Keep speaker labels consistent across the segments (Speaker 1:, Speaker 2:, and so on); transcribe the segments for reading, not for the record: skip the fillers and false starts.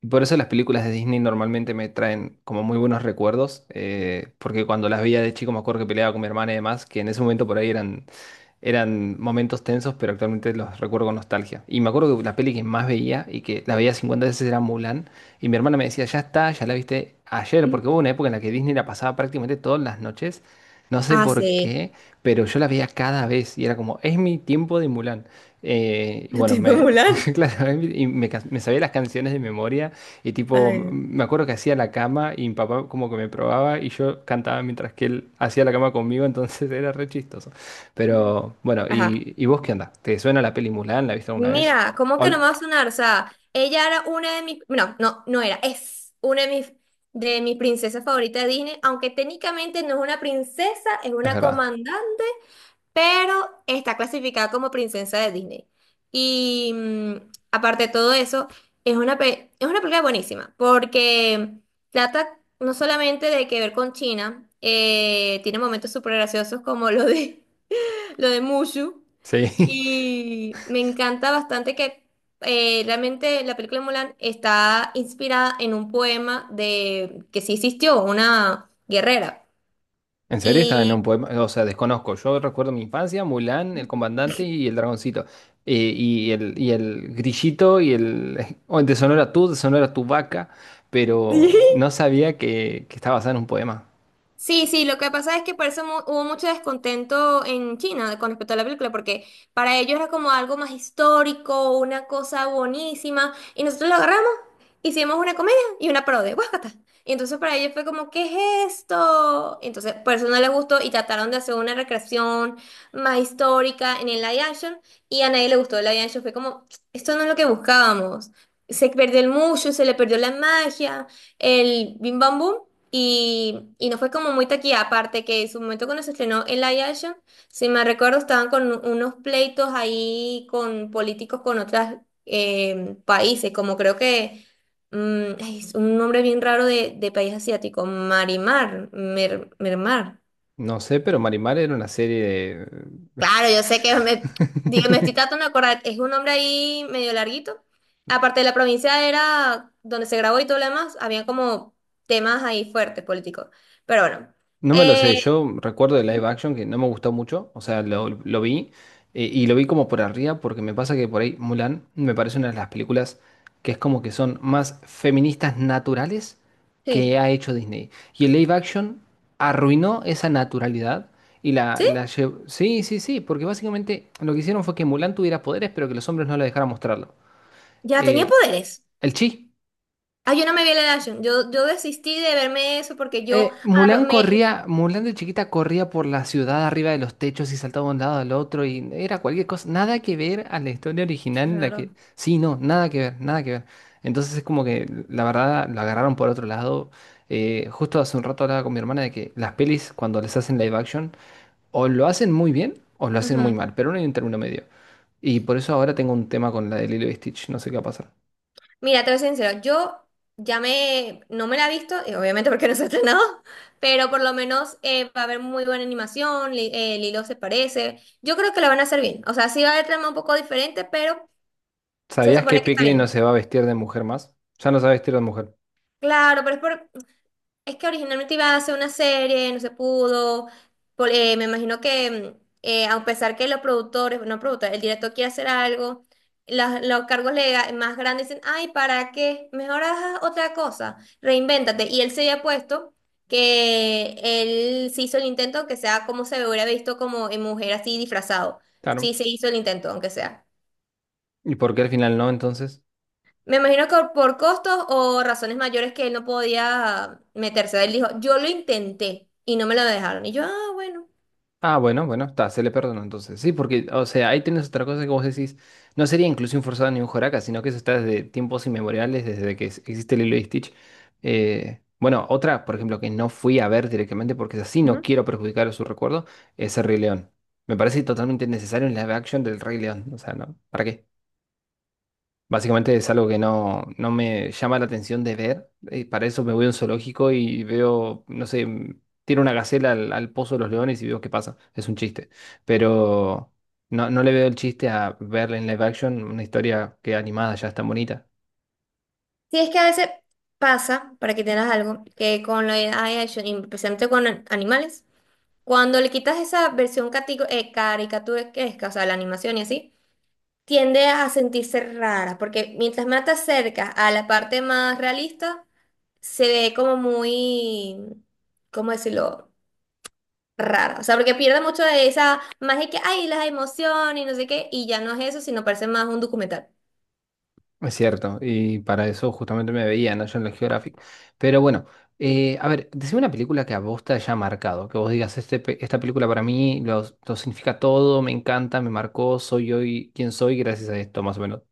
Speaker 1: Y por eso las películas de Disney normalmente me traen como muy buenos recuerdos, porque cuando las veía de chico me acuerdo que peleaba con mi hermana y demás, que en ese momento por ahí eran momentos tensos, pero actualmente los recuerdo con nostalgia. Y me acuerdo que la peli que más veía y que la veía 50 veces era Mulan, y mi hermana me decía, ya está, ya la viste ayer, porque hubo una época en la que Disney la pasaba prácticamente todas las noches, no sé
Speaker 2: Ah,
Speaker 1: por
Speaker 2: sí,
Speaker 1: qué, pero yo la veía cada vez y era como, es mi tiempo de Mulan. Eh, y
Speaker 2: yo
Speaker 1: bueno,
Speaker 2: tipo
Speaker 1: me,
Speaker 2: Mulan.
Speaker 1: claro, me sabía las canciones de memoria y tipo,
Speaker 2: Ay,
Speaker 1: me acuerdo que hacía la cama y mi papá como que me probaba y yo cantaba mientras que él hacía la cama conmigo, entonces era re chistoso.
Speaker 2: no.
Speaker 1: Pero bueno,
Speaker 2: Ajá.
Speaker 1: ¿y vos qué onda? ¿Te suena la peli Mulan? ¿La viste alguna vez?
Speaker 2: Mira, ¿cómo que no
Speaker 1: Ol-
Speaker 2: me va a sonar? O sea, ella era una de mis... No, no, no era. Es una de mis princesas favoritas de Disney, aunque técnicamente no es una princesa, es
Speaker 1: es
Speaker 2: una
Speaker 1: verdad.
Speaker 2: comandante. Pero está clasificada como princesa de Disney. Y aparte de todo eso, es una, es una película buenísima, porque trata no solamente de que ver con China, tiene momentos súper graciosos como lo de, lo de Mushu,
Speaker 1: Sí.
Speaker 2: y me encanta bastante que realmente la película de Mulan está inspirada en un poema de que sí existió, una guerrera.
Speaker 1: ¿En serio? Estaba en un
Speaker 2: Y
Speaker 1: poema. O sea, desconozco. Yo recuerdo mi infancia, Mulan, el comandante y el dragoncito. Y el grillito y el... O en Te sonora tú, te sonora tu vaca. Pero no sabía que estaba basada en un poema.
Speaker 2: sí, sí, lo que pasa es que por eso hubo mucho descontento en China con respecto a la película, porque para ellos era como algo más histórico, una cosa buenísima, y nosotros lo agarramos, hicimos una comedia y una parodia, ¡guácata! Y entonces para ellos fue como, ¿qué es esto? Entonces por eso no les gustó y trataron de hacer una recreación más histórica en el live action, y a nadie le gustó el live action, fue como, esto no es lo que buscábamos. Se perdió el mushu, se le perdió la magia, el bim bam boom. Y no fue como muy taquilla, aparte que en su momento cuando se estrenó el live action, si me recuerdo, estaban con unos pleitos ahí con políticos con otros países, como creo que mm, ay, es un nombre bien raro de país asiático, Marimar, Mermar.
Speaker 1: No sé, pero Marimar era una serie de...
Speaker 2: Claro, yo sé que me, digo, me estoy tratando de acordar, es un nombre ahí medio larguito. Aparte de la provincia era donde se grabó y todo lo demás, había como temas ahí fuertes políticos. Pero bueno.
Speaker 1: No me lo sé,
Speaker 2: eh,
Speaker 1: yo recuerdo de live
Speaker 2: ujú.
Speaker 1: action que no me gustó mucho, o sea, lo vi y lo vi como por arriba porque me pasa que por ahí Mulan me parece una de las películas que es como que son más feministas naturales que
Speaker 2: Sí,
Speaker 1: ha hecho Disney. Y el live action arruinó esa naturalidad y la,
Speaker 2: sí,
Speaker 1: la llevó... Sí, sí, sí, porque básicamente lo que hicieron fue que Mulan tuviera poderes pero que los hombres no la dejaran mostrarlo.
Speaker 2: ya tenía
Speaker 1: Eh,
Speaker 2: poderes.
Speaker 1: el chi.
Speaker 2: Ah, yo no me vi la Action. Yo desistí de verme eso porque yo
Speaker 1: Mulan
Speaker 2: me.
Speaker 1: corría, Mulan de chiquita corría por la ciudad arriba de los techos y saltaba de un lado al otro y era cualquier cosa, nada que ver a la historia original en la que,
Speaker 2: Claro.
Speaker 1: sí, no, nada que ver, nada que ver. Entonces es como que la verdad lo agarraron por otro lado. Justo hace un rato hablaba con mi hermana de que las pelis cuando les hacen live action o lo hacen muy bien o lo hacen muy
Speaker 2: Ujú.
Speaker 1: mal, pero no hay un término medio. Y por eso ahora tengo un tema con la de Lilo y Stitch, no sé qué va a pasar.
Speaker 2: Mira, te voy a ser sincera, yo ya me, no me la he visto, obviamente porque no se ha estrenado, pero por lo menos va a haber muy buena animación, Lilo se parece, yo creo que la van a hacer bien, o sea, sí va a haber trama un poco diferente, pero se
Speaker 1: ¿Sabías que
Speaker 2: supone que está
Speaker 1: Piccolo no
Speaker 2: bien.
Speaker 1: se va a vestir de mujer más? Ya no se va a vestir de mujer.
Speaker 2: Claro, pero es por, es que originalmente iba a hacer una serie, no se pudo. Me imagino que, a pesar que los productores, no productores, el director quiere hacer algo, los cargos más grandes dicen, ay, ¿para qué? Mejor haz otra cosa, reinvéntate. Y él se había puesto que él se hizo el intento, aunque sea como se hubiera visto como en mujer así disfrazado. Sí,
Speaker 1: Claro.
Speaker 2: se hizo el intento, aunque sea.
Speaker 1: ¿Y por qué al final no, entonces?
Speaker 2: Me imagino que por costos o razones mayores que él no podía meterse. Él dijo, yo lo intenté y no me lo dejaron. Y yo, ah, bueno.
Speaker 1: Ah, bueno, está, se le perdonó entonces. Sí, porque, o sea, ahí tienes otra cosa que vos decís, no sería inclusión forzada ni un Joraka, sino que eso está desde tiempos inmemoriales, desde que existe Lilo y Stitch. Bueno, otra, por ejemplo, que no fui a ver directamente porque así, no
Speaker 2: Ujú.
Speaker 1: quiero perjudicar su recuerdo, es el Rey León. Me parece totalmente necesario en live action del Rey León, o sea, ¿no? ¿Para qué? Básicamente es algo que no, no me llama la atención de ver. Para eso me voy a un zoológico y veo, no sé, mm, tiro una gacela al, al pozo de los leones y veo qué pasa. Es un chiste. Pero no, no le veo el chiste a verla en live action una historia que animada ya es tan bonita.
Speaker 2: Sí, es que a veces pasa, para que tengas algo, que con la AI action, y especialmente con animales, cuando le quitas esa versión caricaturesca, o sea, la animación y así, tiende a sentirse rara, porque mientras más te acercas a la parte más realista, se ve como muy, ¿cómo decirlo? Rara. O sea, porque pierde mucho de esa magia que hay, las emociones y no sé qué, y ya no es eso, sino parece más un documental.
Speaker 1: Es cierto. Y para eso justamente me veía, ¿no? Yo en la Geographic. Pero bueno, a ver, decime una película que a vos te haya marcado. Que vos digas, este, esta película para mí lo significa todo, me encanta, me marcó, soy hoy quien soy gracias a esto, más o menos.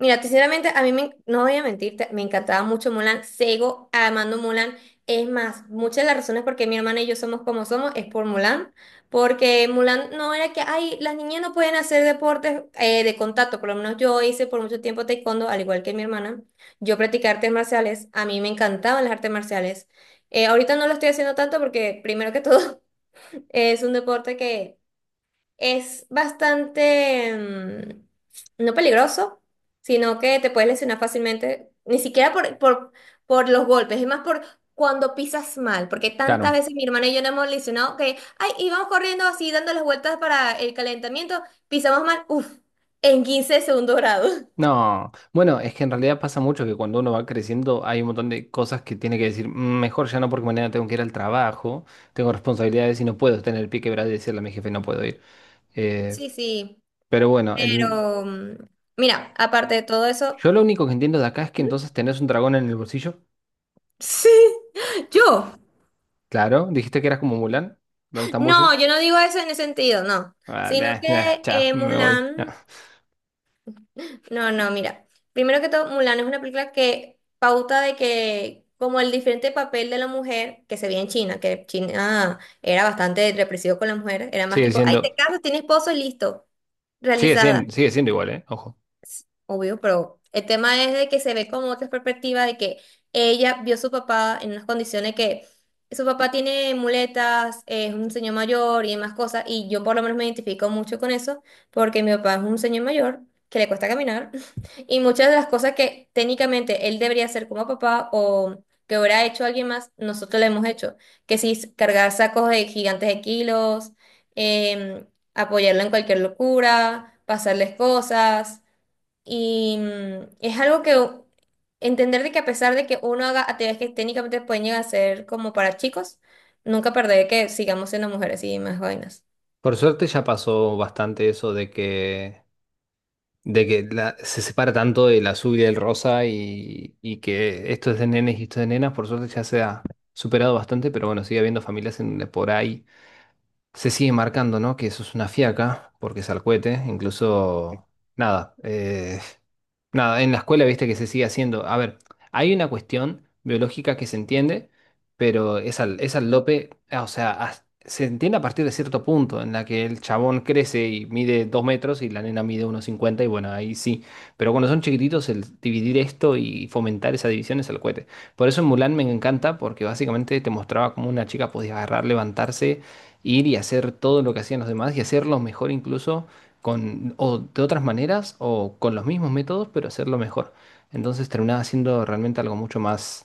Speaker 2: Mira, sinceramente, a mí me, no voy a mentirte, me encantaba mucho Mulan, sigo amando Mulan. Es más, muchas de las razones por qué mi hermana y yo somos como somos es por Mulan, porque Mulan no era que, ay, las niñas no pueden hacer deportes de contacto, por lo menos yo hice por mucho tiempo taekwondo, al igual que mi hermana. Yo practiqué artes marciales, a mí me encantaban las artes marciales. Ahorita no lo estoy haciendo tanto porque, primero que todo, es un deporte que es bastante, no peligroso, sino que te puedes lesionar fácilmente, ni siquiera por los golpes, es más por cuando pisas mal, porque tantas
Speaker 1: Claro.
Speaker 2: veces mi hermana y yo nos hemos lesionado que, ay, íbamos corriendo así, dando las vueltas para el calentamiento, pisamos mal, uff, en 15 de segundo grado.
Speaker 1: No, bueno, es que en realidad pasa mucho que cuando uno va creciendo hay un montón de cosas que tiene que decir, "Mm, mejor ya no porque mañana tengo que ir al trabajo, tengo responsabilidades y no puedo tener el pie quebrado y decirle a mi jefe no puedo ir. Eh,
Speaker 2: Sí, sí,
Speaker 1: pero bueno, el-
Speaker 2: pero mira, aparte de todo eso...
Speaker 1: yo lo único que entiendo de acá es que
Speaker 2: ¿Mm?
Speaker 1: entonces tenés un dragón en el bolsillo.
Speaker 2: Sí, yo.
Speaker 1: Claro, dijiste que eras como Mulan. ¿Dónde está Mushu?
Speaker 2: No, yo no digo eso en ese sentido, no.
Speaker 1: Ah,
Speaker 2: Sino
Speaker 1: nah, nah,
Speaker 2: que
Speaker 1: chao, me voy.
Speaker 2: Mulan,
Speaker 1: No.
Speaker 2: no, no, mira. Primero que todo, Mulan es una película que pauta de que como el diferente papel de la mujer que se veía en China, que China era bastante represivo con la mujer, era más
Speaker 1: Sigue
Speaker 2: tipo, ay, te
Speaker 1: siendo,
Speaker 2: casas, tienes esposo y listo,
Speaker 1: sigue
Speaker 2: realizada.
Speaker 1: siendo, sigue siendo igual, ¿eh? Ojo.
Speaker 2: Obvio, pero el tema es de que se ve como otra perspectiva de que ella vio a su papá en unas condiciones que su papá tiene muletas, es un señor mayor y demás cosas, y yo por lo menos me identifico mucho con eso, porque mi papá es un señor mayor que le cuesta caminar, y muchas de las cosas que técnicamente él debería hacer como papá o que hubiera hecho alguien más, nosotros le hemos hecho, que si es cargar sacos de gigantes de kilos, em, apoyarlo en cualquier locura, pasarles cosas. Y es algo que entender de que a pesar de que uno haga actividades que técnicamente pueden llegar a ser como para chicos, nunca perder que sigamos siendo mujeres y más vainas.
Speaker 1: Por suerte ya pasó bastante eso de que se separa tanto del azul y del rosa y que esto es de nenes y esto es de nenas, por suerte ya se ha superado bastante, pero bueno, sigue habiendo familias en, por ahí se sigue marcando, ¿no? Que eso es una fiaca, porque es al cohete, incluso, nada, en la escuela viste que se sigue haciendo. A ver, hay una cuestión biológica que se entiende, pero es es al lope, ah, o sea, se entiende a partir de cierto punto en la que el chabón crece y mide 2 metros y la nena mide 1,50 y bueno, ahí sí. Pero cuando son chiquititos, el dividir esto y fomentar esa división es al cohete. Por eso en Mulan me encanta, porque básicamente te mostraba cómo una chica podía agarrar, levantarse ir y hacer todo lo que hacían los demás y hacerlo mejor incluso con o de otras maneras o con los mismos métodos, pero hacerlo mejor. Entonces terminaba siendo realmente algo mucho más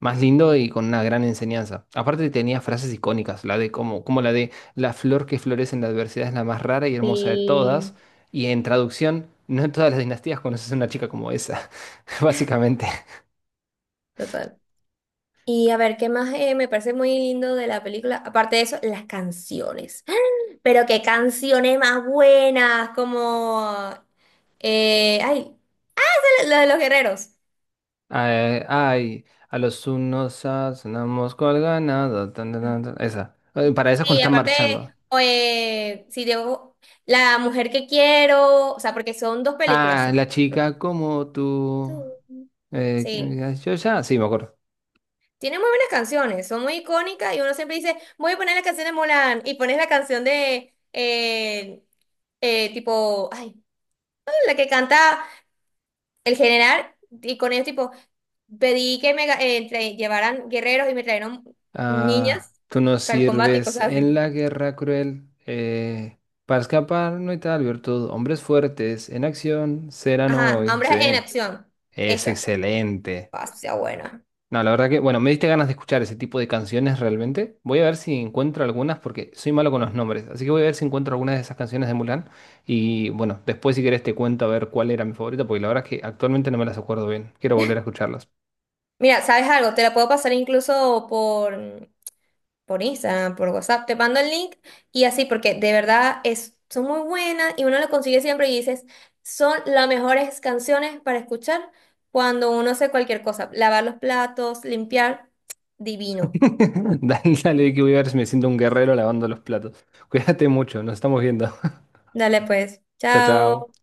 Speaker 1: más lindo y con una gran enseñanza. Aparte tenía frases icónicas, la de como la de la flor que florece en la adversidad es la más rara y hermosa de
Speaker 2: Y
Speaker 1: todas y en traducción no en todas las dinastías conoces a una chica como esa, básicamente.
Speaker 2: total. Y a ver, ¿qué más me parece muy lindo de la película? Aparte de eso, las canciones. Pero qué canciones más buenas, como... ay, la de los guerreros.
Speaker 1: Ay, ay, a los unos sonamos cual ganado. Tan, tan, tan, tan. Esa. Para esa cuando
Speaker 2: Sí,
Speaker 1: están
Speaker 2: aparte,
Speaker 1: marchando.
Speaker 2: si debo, la mujer que quiero, o sea, porque son dos películas.
Speaker 1: Ah,
Speaker 2: Sí,
Speaker 1: la chica como tú.
Speaker 2: tú.
Speaker 1: Que me
Speaker 2: Sí.
Speaker 1: digas, yo ya. Sí, me acuerdo.
Speaker 2: Tiene muy buenas canciones, son muy icónicas y uno siempre dice, voy a poner la canción de Mulan y pones la canción de, tipo, ay, la que canta el general y con ellos tipo, pedí que me llevaran guerreros y me trajeron
Speaker 1: Ah,
Speaker 2: niñas
Speaker 1: tú nos
Speaker 2: para el combate y
Speaker 1: sirves
Speaker 2: cosas
Speaker 1: en
Speaker 2: así.
Speaker 1: la guerra cruel. Para escapar no hay tal virtud. Hombres fuertes en acción serán
Speaker 2: Ajá,
Speaker 1: hoy.
Speaker 2: hombres
Speaker 1: Sí,
Speaker 2: en acción,
Speaker 1: es
Speaker 2: esa.
Speaker 1: excelente.
Speaker 2: Ah, sí, sea buena.
Speaker 1: No, la verdad que, bueno, me diste ganas de escuchar ese tipo de canciones realmente. Voy a ver si encuentro algunas porque soy malo con los nombres. Así que voy a ver si encuentro algunas de esas canciones de Mulan. Y bueno, después si querés te cuento a ver cuál era mi favorita porque la verdad es que actualmente no me las acuerdo bien. Quiero volver a escucharlas.
Speaker 2: Mira, ¿sabes algo? Te la puedo pasar incluso por Instagram, por WhatsApp. Te mando el link y así, porque de verdad es, son muy buenas y uno lo consigue siempre y dices, son las mejores canciones para escuchar cuando uno hace cualquier cosa. Lavar los platos, limpiar, divino.
Speaker 1: Dale, dale, que voy a ver si me siento un guerrero lavando los platos. Cuídate mucho, nos estamos viendo.
Speaker 2: Dale pues,
Speaker 1: Chao, chao.
Speaker 2: chao.